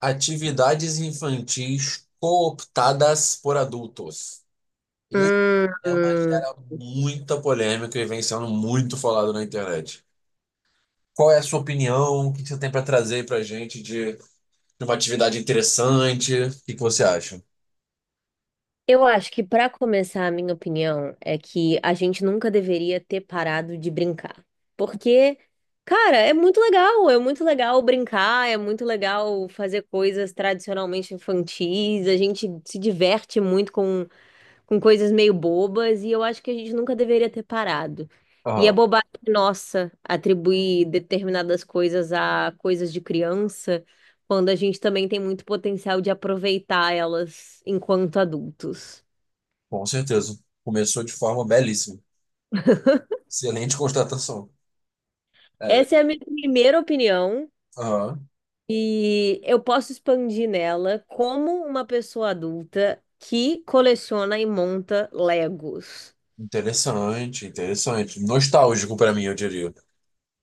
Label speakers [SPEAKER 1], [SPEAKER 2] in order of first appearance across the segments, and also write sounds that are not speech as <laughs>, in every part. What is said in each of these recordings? [SPEAKER 1] Atividades infantis cooptadas por adultos. Esse
[SPEAKER 2] Hum.
[SPEAKER 1] tema gera muita polêmica e vem sendo muito falado na internet. Qual é a sua opinião? O que você tem para trazer para gente de uma atividade interessante? O que que você acha?
[SPEAKER 2] Eu acho que para começar, a minha opinião é que a gente nunca deveria ter parado de brincar. Porque, cara, é muito legal brincar, é muito legal fazer coisas tradicionalmente infantis, a gente se diverte muito com coisas meio bobas e eu acho que a gente nunca deveria ter parado. E é
[SPEAKER 1] Aham,
[SPEAKER 2] bobagem nossa atribuir determinadas coisas a coisas de criança, quando a gente também tem muito potencial de aproveitar elas enquanto adultos.
[SPEAKER 1] com certeza. Começou de forma belíssima. Excelente constatação.
[SPEAKER 2] Essa é a minha primeira opinião
[SPEAKER 1] Aham,
[SPEAKER 2] e eu posso expandir nela como uma pessoa adulta que coleciona e monta Legos.
[SPEAKER 1] interessante, interessante. Nostálgico para mim, eu diria.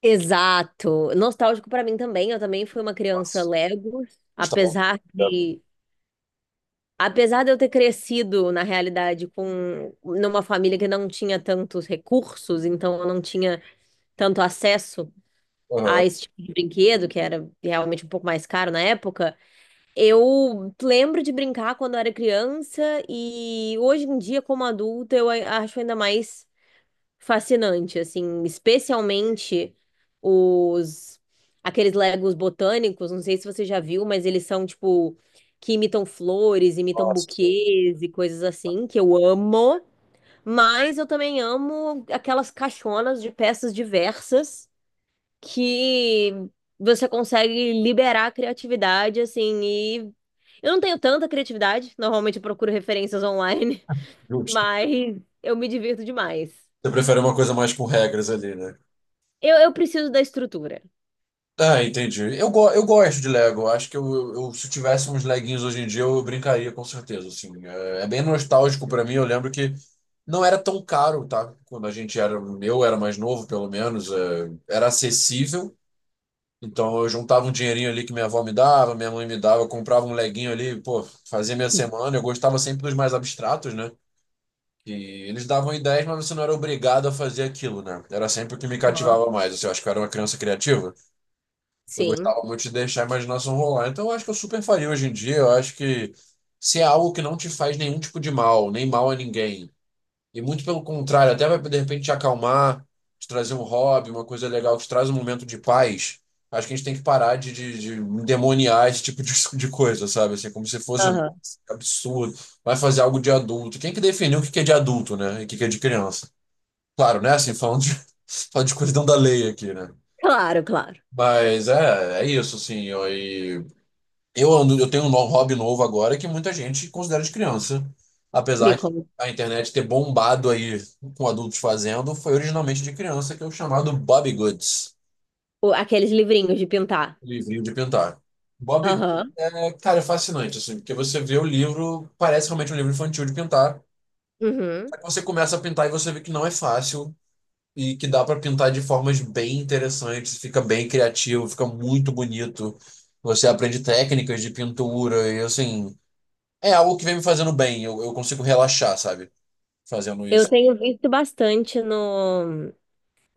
[SPEAKER 2] Exato. Nostálgico pra mim também. Eu também fui uma criança
[SPEAKER 1] Nossa,
[SPEAKER 2] Lego,
[SPEAKER 1] gostava.
[SPEAKER 2] apesar de apesar de eu ter crescido na realidade com numa família que não tinha tantos recursos, então eu não tinha tanto acesso
[SPEAKER 1] Aham,
[SPEAKER 2] a esse tipo de brinquedo, que era realmente um pouco mais caro na época. Eu lembro de brincar quando eu era criança e hoje em dia como adulta eu acho ainda mais fascinante, assim, especialmente os aqueles Legos botânicos, não sei se você já viu, mas eles são tipo que imitam flores, imitam
[SPEAKER 1] nossa.
[SPEAKER 2] buquês e coisas assim, que eu amo, mas eu também amo aquelas caixonas de peças diversas que você consegue liberar a criatividade assim e eu não tenho tanta criatividade, normalmente eu procuro referências online, <laughs>
[SPEAKER 1] Justo.
[SPEAKER 2] mas eu me divirto demais.
[SPEAKER 1] Você prefere uma coisa mais com regras ali, né?
[SPEAKER 2] Eu preciso da estrutura.
[SPEAKER 1] Ah, entendi. Eu gosto de Lego. Acho que se eu tivesse uns leguinhos hoje em dia, eu brincaria com certeza. Assim, é, é bem nostálgico pra mim. Eu lembro que não era tão caro, tá? Quando a gente era, eu era mais novo, pelo menos, é, era acessível. Então eu juntava um dinheirinho ali que minha avó me dava, minha mãe me dava, eu comprava um leguinho ali, pô, fazia minha semana. Eu gostava sempre dos mais abstratos, né? Que eles davam ideias, mas você não era obrigado a fazer aquilo, né? Era sempre o que me
[SPEAKER 2] Aham.
[SPEAKER 1] cativava mais. Assim, eu acho que eu era uma criança criativa. Eu
[SPEAKER 2] Sim.
[SPEAKER 1] gostava muito de deixar a imaginação rolar. Então, eu acho que eu super faria hoje em dia. Eu acho que se é algo que não te faz nenhum tipo de mal, nem mal a ninguém, e muito pelo contrário, até vai de repente te acalmar, te trazer um hobby, uma coisa legal que te traz um momento de paz. Acho que a gente tem que parar de endemoniar esse tipo de, <laughs> de coisa, sabe? Assim, como se fosse
[SPEAKER 2] Aham.
[SPEAKER 1] absurdo. Vai fazer algo de adulto. Quem que definiu o que que é de adulto, né? E o que que é de criança? Claro, né? Assim, falando de, <laughs> falando de colisão da lei aqui, né?
[SPEAKER 2] Claro, claro.
[SPEAKER 1] Mas é, é isso, assim. Eu, e eu, ando- Eu tenho um hobby novo agora que muita gente considera de criança. Apesar
[SPEAKER 2] Me
[SPEAKER 1] de
[SPEAKER 2] como.
[SPEAKER 1] a internet ter bombado aí com adultos fazendo, foi originalmente de criança, que é o chamado Bobbie Goods,
[SPEAKER 2] Aqueles livrinhos de pintar.
[SPEAKER 1] livrinho de pintar. Bobbie Goods
[SPEAKER 2] Aham.
[SPEAKER 1] é, cara, é fascinante, assim, porque você vê o livro, parece realmente um livro infantil de pintar.
[SPEAKER 2] Uhum.
[SPEAKER 1] Você começa a pintar e você vê que não é fácil e que dá para pintar de formas bem interessantes, fica bem criativo, fica muito bonito. Você aprende técnicas de pintura e assim, é algo que vem me fazendo bem. Eu consigo relaxar, sabe? Fazendo
[SPEAKER 2] Eu
[SPEAKER 1] isso.
[SPEAKER 2] tenho visto bastante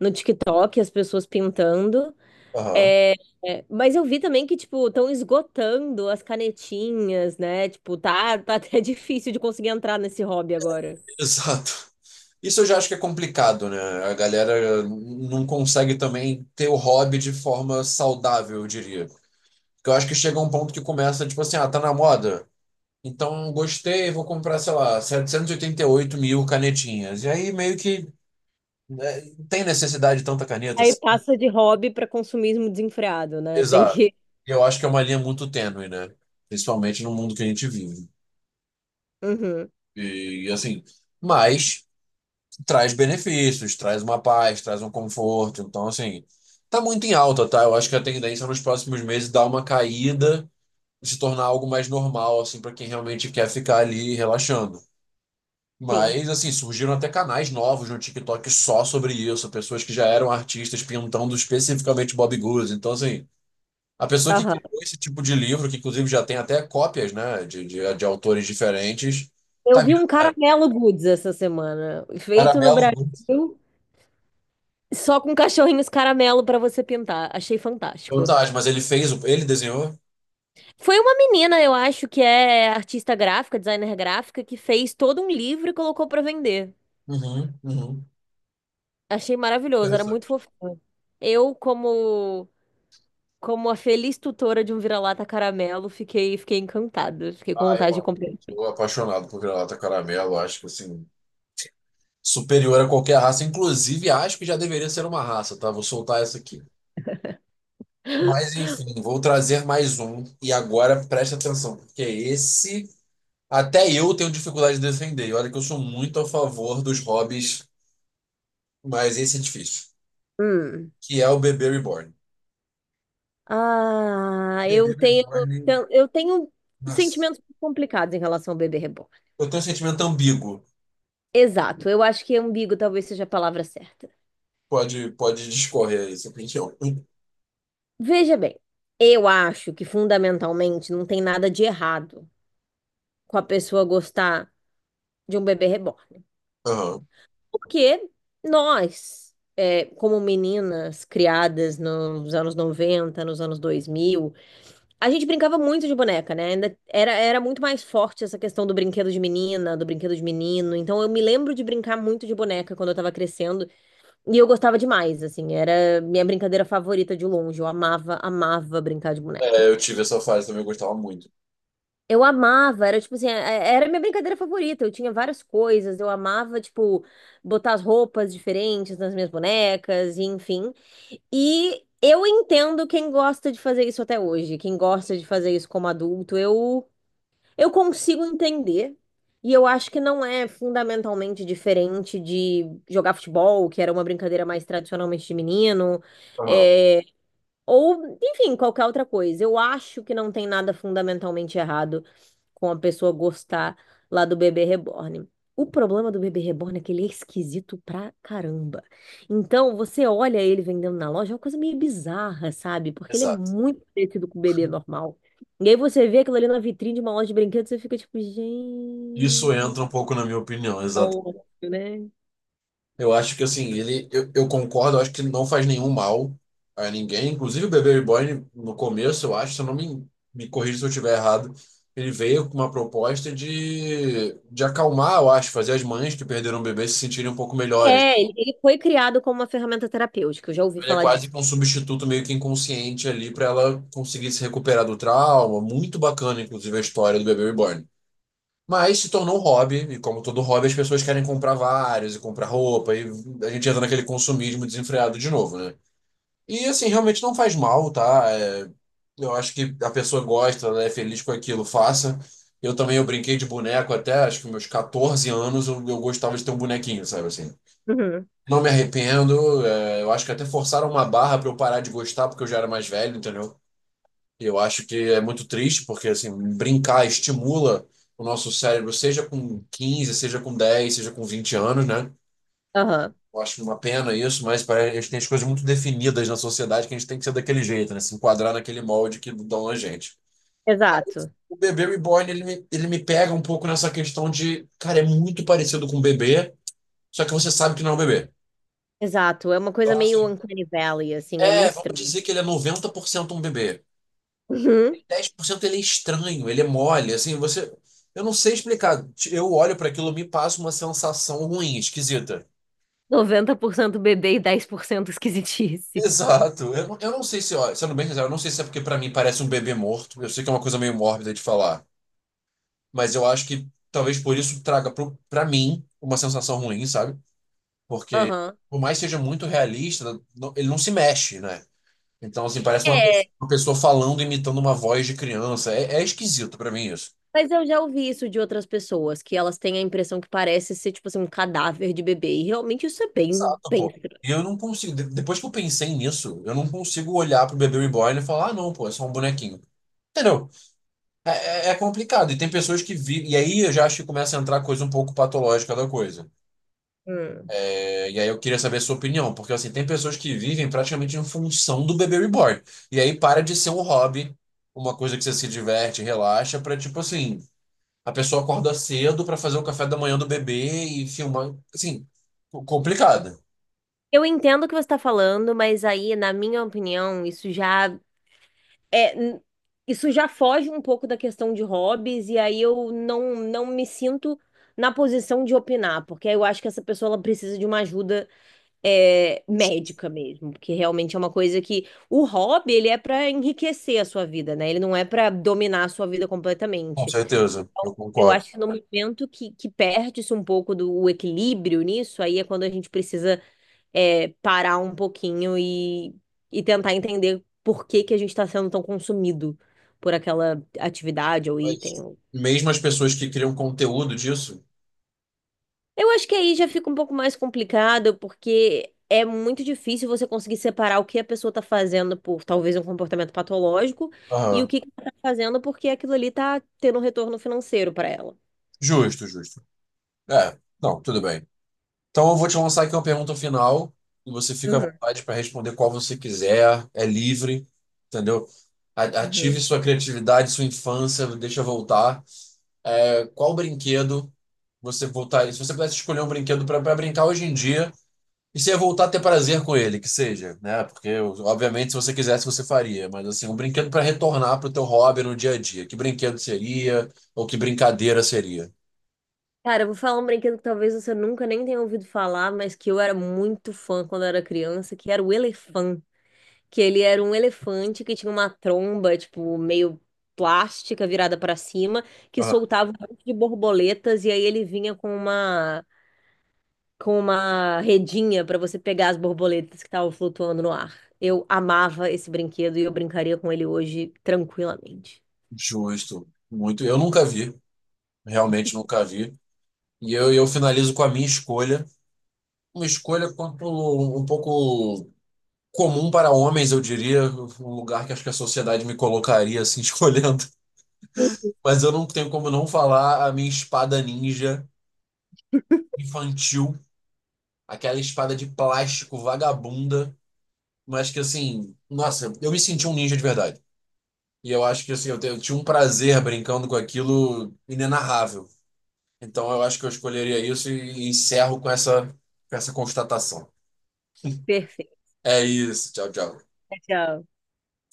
[SPEAKER 2] no TikTok as pessoas pintando.
[SPEAKER 1] Aham.
[SPEAKER 2] É, é, mas eu vi também que, tipo, estão esgotando as canetinhas, né? Tipo, tá até <laughs> difícil de conseguir entrar nesse hobby agora.
[SPEAKER 1] Exato. Isso eu já acho que é complicado, né? A galera não consegue também ter o hobby de forma saudável, eu diria. Porque eu acho que chega um ponto que começa, tipo assim, ah, tá na moda. Então, gostei, vou comprar, sei lá, setecentos e oitenta e oito mil canetinhas. E aí, meio que né, não tem necessidade de tanta caneta.
[SPEAKER 2] Aí
[SPEAKER 1] Assim.
[SPEAKER 2] passa de hobby para consumismo desenfreado, né? Tem
[SPEAKER 1] Exato.
[SPEAKER 2] que.
[SPEAKER 1] Eu acho que é uma linha muito tênue, né? Principalmente no mundo que a gente vive.
[SPEAKER 2] Uhum,
[SPEAKER 1] E, assim, mas traz benefícios, traz uma paz, traz um conforto. Então, assim, tá muito em alta, tá? Eu acho que a tendência nos próximos meses é dar uma caída, se tornar algo mais normal, assim, para quem realmente quer ficar ali relaxando.
[SPEAKER 2] sim.
[SPEAKER 1] Mas, assim, surgiram até canais novos no TikTok só sobre isso, pessoas que já eram artistas pintando especificamente Bob Goods. Então, assim, a pessoa que
[SPEAKER 2] Aham.
[SPEAKER 1] criou esse tipo de livro, que inclusive já tem até cópias, né, de autores diferentes,
[SPEAKER 2] Eu
[SPEAKER 1] tá
[SPEAKER 2] vi um
[SPEAKER 1] virando, né?
[SPEAKER 2] caramelo goods essa semana, feito no
[SPEAKER 1] Caramelo Goods.
[SPEAKER 2] Brasil, só com cachorrinhos caramelo pra você pintar. Achei fantástico.
[SPEAKER 1] Fantástico, mas ele fez, o- ele desenhou?
[SPEAKER 2] Foi uma menina, eu acho, que é artista gráfica, designer gráfica, que fez todo um livro e colocou pra vender.
[SPEAKER 1] Uhum, uhum.
[SPEAKER 2] Achei maravilhoso, era muito
[SPEAKER 1] Interessante.
[SPEAKER 2] fofinho. Eu, como como a feliz tutora de um vira-lata caramelo, fiquei encantada, fiquei com
[SPEAKER 1] Ah, eu
[SPEAKER 2] vontade de
[SPEAKER 1] amo.
[SPEAKER 2] comprar.
[SPEAKER 1] Sou apaixonado por granata caramelo, acho que, assim, superior a qualquer raça. Inclusive, acho que já deveria ser uma raça, tá? Vou soltar essa aqui. Mas enfim, vou trazer mais um. E agora presta atenção, porque esse até eu tenho dificuldade de defender. E olha que eu sou muito a favor dos hobbies, mas esse é difícil.
[SPEAKER 2] Hum.
[SPEAKER 1] Que é o bebê reborn.
[SPEAKER 2] Ah,
[SPEAKER 1] Bebê
[SPEAKER 2] eu tenho
[SPEAKER 1] reborn,
[SPEAKER 2] eu tenho
[SPEAKER 1] nossa.
[SPEAKER 2] sentimentos complicados em relação ao bebê reborn.
[SPEAKER 1] Eu tenho um sentimento ambíguo.
[SPEAKER 2] Exato, eu acho que ambíguo talvez seja a palavra certa.
[SPEAKER 1] Pode, pode discorrer aí, sua opinião.
[SPEAKER 2] Veja bem, eu acho que fundamentalmente não tem nada de errado com a pessoa gostar de um bebê reborn.
[SPEAKER 1] Aham.
[SPEAKER 2] Porque nós, é, como meninas criadas nos anos 90, nos anos 2000, a gente brincava muito de boneca, né? Era muito mais forte essa questão do brinquedo de menina, do brinquedo de menino. Então eu me lembro de brincar muito de boneca quando eu tava crescendo. E eu gostava demais, assim, era minha brincadeira favorita de longe. Eu amava, amava brincar de boneca.
[SPEAKER 1] É, eu tive essa fase também, eu gostava muito.
[SPEAKER 2] Eu amava, era tipo assim, é, era minha brincadeira favorita. Eu tinha várias coisas, eu amava, tipo, botar as roupas diferentes nas minhas bonecas, e enfim. E eu entendo quem gosta de fazer isso até hoje, quem gosta de fazer isso como adulto. Eu consigo entender. E eu acho que não é fundamentalmente diferente de jogar futebol, que era uma brincadeira mais tradicionalmente de menino.
[SPEAKER 1] Aham.
[SPEAKER 2] é, Ou, enfim, qualquer outra coisa. Eu acho que não tem nada fundamentalmente errado com a pessoa gostar lá do bebê reborn. O problema do bebê reborn é que ele é esquisito pra caramba. Então, você olha ele vendendo na loja, é uma coisa meio bizarra, sabe? Porque ele é
[SPEAKER 1] Exato.
[SPEAKER 2] muito parecido com o bebê normal. E aí você vê aquilo ali na vitrine de uma loja de brinquedos, você fica tipo,
[SPEAKER 1] Isso
[SPEAKER 2] gente.
[SPEAKER 1] entra um pouco na minha opinião. Eu acho que assim, eu concordo, eu acho que ele não faz nenhum mal a ninguém. Inclusive o Bebê Reborn, no começo, eu acho, se eu não me corrija se eu estiver errado, ele veio com uma proposta de acalmar, eu acho, fazer as mães que perderam o bebê se sentirem um pouco melhores.
[SPEAKER 2] É, ele foi criado como uma ferramenta terapêutica, eu já ouvi
[SPEAKER 1] Ele é
[SPEAKER 2] falar
[SPEAKER 1] quase
[SPEAKER 2] disso.
[SPEAKER 1] que um substituto meio que inconsciente ali para ela conseguir se recuperar do trauma. Muito bacana, inclusive, a história do Bebê Reborn. Mas se tornou um hobby, e como todo hobby, as pessoas querem comprar vários e comprar roupa, e a gente entra naquele consumismo desenfreado de novo, né? E assim, realmente não faz mal, tá? É, eu acho que a pessoa gosta, ela é feliz com aquilo, faça. Eu também, eu brinquei de boneco até, acho que meus 14 anos, eu gostava de ter um bonequinho, sabe assim?
[SPEAKER 2] Uhum.
[SPEAKER 1] Não me arrependo, é, eu acho que até forçaram uma barra pra eu parar de gostar, porque eu já era mais velho, entendeu? E eu acho que é muito triste, porque assim, brincar estimula o nosso cérebro, seja com 15 seja com 10 seja com 20 anos, né?
[SPEAKER 2] Aham.
[SPEAKER 1] Eu acho uma pena isso, mas parece, que a gente tem as coisas muito definidas na sociedade que a gente tem que ser daquele jeito, né? Se enquadrar naquele molde que dão a gente. Mas
[SPEAKER 2] Exato.
[SPEAKER 1] o bebê reborn, ele me pega um pouco nessa questão de, cara, é muito parecido com um bebê, só que você sabe que não é um bebê.
[SPEAKER 2] Exato, é uma coisa
[SPEAKER 1] Então,
[SPEAKER 2] meio
[SPEAKER 1] assim,
[SPEAKER 2] Uncanny Valley, assim, é
[SPEAKER 1] é,
[SPEAKER 2] muito
[SPEAKER 1] vamos
[SPEAKER 2] estranho.
[SPEAKER 1] dizer que ele é 90% um bebê.
[SPEAKER 2] Uhum.
[SPEAKER 1] 10% ele é estranho, ele é mole, assim, você. Eu não sei explicar. Eu olho para aquilo, e me passa uma sensação ruim, esquisita.
[SPEAKER 2] 90% bebê e 10% esquisitice.
[SPEAKER 1] Exato. Eu, eu não sei se, ó, sendo bem sincero, eu não sei se é porque pra mim parece um bebê morto. Eu sei que é uma coisa meio mórbida de falar, mas eu acho que talvez por isso traga pra mim uma sensação ruim, sabe? Porque
[SPEAKER 2] Aham.
[SPEAKER 1] por mais que seja muito realista, ele não se mexe, né? Então, assim, parece
[SPEAKER 2] É,
[SPEAKER 1] uma pessoa falando, imitando uma voz de criança. É, é esquisito pra mim isso.
[SPEAKER 2] mas eu já ouvi isso de outras pessoas, que elas têm a impressão que parece ser, tipo assim, um cadáver de bebê. E realmente isso é bem,
[SPEAKER 1] Exato,
[SPEAKER 2] bem
[SPEAKER 1] pô.
[SPEAKER 2] estranho.
[SPEAKER 1] E eu não consigo, depois que eu pensei nisso, eu não consigo olhar pro bebê reborn e falar, ah, não, pô, é só um bonequinho. Entendeu? É, é complicado. E tem pessoas que vivem. E aí eu já acho que começa a entrar coisa um pouco patológica da coisa.
[SPEAKER 2] Hum.
[SPEAKER 1] É, e aí eu queria saber a sua opinião, porque assim, tem pessoas que vivem praticamente em função do bebê reborn. E aí para de ser um hobby, uma coisa que você se diverte, relaxa, pra tipo assim, a pessoa acorda cedo pra fazer o café da manhã do bebê e filmar. Assim, complicado.
[SPEAKER 2] Eu entendo o que você está falando, mas aí, na minha opinião, isso já é, n- isso já foge um pouco da questão de hobbies, e aí eu não, não me sinto na posição de opinar, porque eu acho que essa pessoa ela precisa de uma ajuda médica mesmo, porque realmente é uma coisa que o hobby ele é para enriquecer a sua vida, né? Ele não é para dominar a sua vida
[SPEAKER 1] Com
[SPEAKER 2] completamente.
[SPEAKER 1] certeza, eu
[SPEAKER 2] Eu
[SPEAKER 1] concordo.
[SPEAKER 2] acho que no momento que perde-se um pouco do o equilíbrio nisso, aí é quando a gente precisa parar um pouquinho e tentar entender por que que a gente está sendo tão consumido por aquela atividade ou
[SPEAKER 1] Mas
[SPEAKER 2] item.
[SPEAKER 1] mesmo as pessoas que criam conteúdo disso.
[SPEAKER 2] Eu acho que aí já fica um pouco mais complicado, porque é muito difícil você conseguir separar o que a pessoa está fazendo por talvez um comportamento patológico e o
[SPEAKER 1] Aham.
[SPEAKER 2] que que ela está fazendo porque aquilo ali está tendo um retorno financeiro para ela.
[SPEAKER 1] Justo, justo. É, não, tudo bem. Então, eu vou te lançar aqui uma pergunta final e você fica à
[SPEAKER 2] Uhum,
[SPEAKER 1] vontade para responder qual você quiser, é livre, entendeu?
[SPEAKER 2] uhum.
[SPEAKER 1] Ative sua criatividade, sua infância, deixa voltar. É, qual brinquedo você voltar? Se você pudesse escolher um brinquedo para brincar hoje em dia e se ia voltar a ter prazer com ele, que seja, né? Porque, obviamente, se você quisesse, você faria. Mas, assim, um brinquedo para retornar para o teu hobby no dia a dia. Que brinquedo seria? Ou que brincadeira seria?
[SPEAKER 2] Cara, eu vou falar um brinquedo que talvez você nunca nem tenha ouvido falar, mas que eu era muito fã quando eu era criança, que era o elefante. Que ele era um elefante que tinha uma tromba, tipo, meio plástica virada para cima, que
[SPEAKER 1] Ah,
[SPEAKER 2] soltava um monte de borboletas e aí ele vinha com uma redinha para você pegar as borboletas que estavam flutuando no ar. Eu amava esse brinquedo e eu brincaria com ele hoje tranquilamente.
[SPEAKER 1] justo. Muito. Eu nunca vi. Realmente nunca vi. E eu finalizo com a minha escolha. Uma escolha quanto um pouco comum para homens, eu diria, um lugar que acho que a sociedade me colocaria assim <laughs> escolhendo. Mas eu não tenho como não falar a minha espada ninja infantil, aquela espada de plástico vagabunda, mas que assim, nossa, eu me senti um ninja de verdade. E eu acho que assim, eu, eu tinha um prazer brincando com aquilo inenarrável. Então eu acho que eu escolheria isso e encerro com essa constatação.
[SPEAKER 2] Perfeito.
[SPEAKER 1] É isso, tchau, tchau.
[SPEAKER 2] Tchau.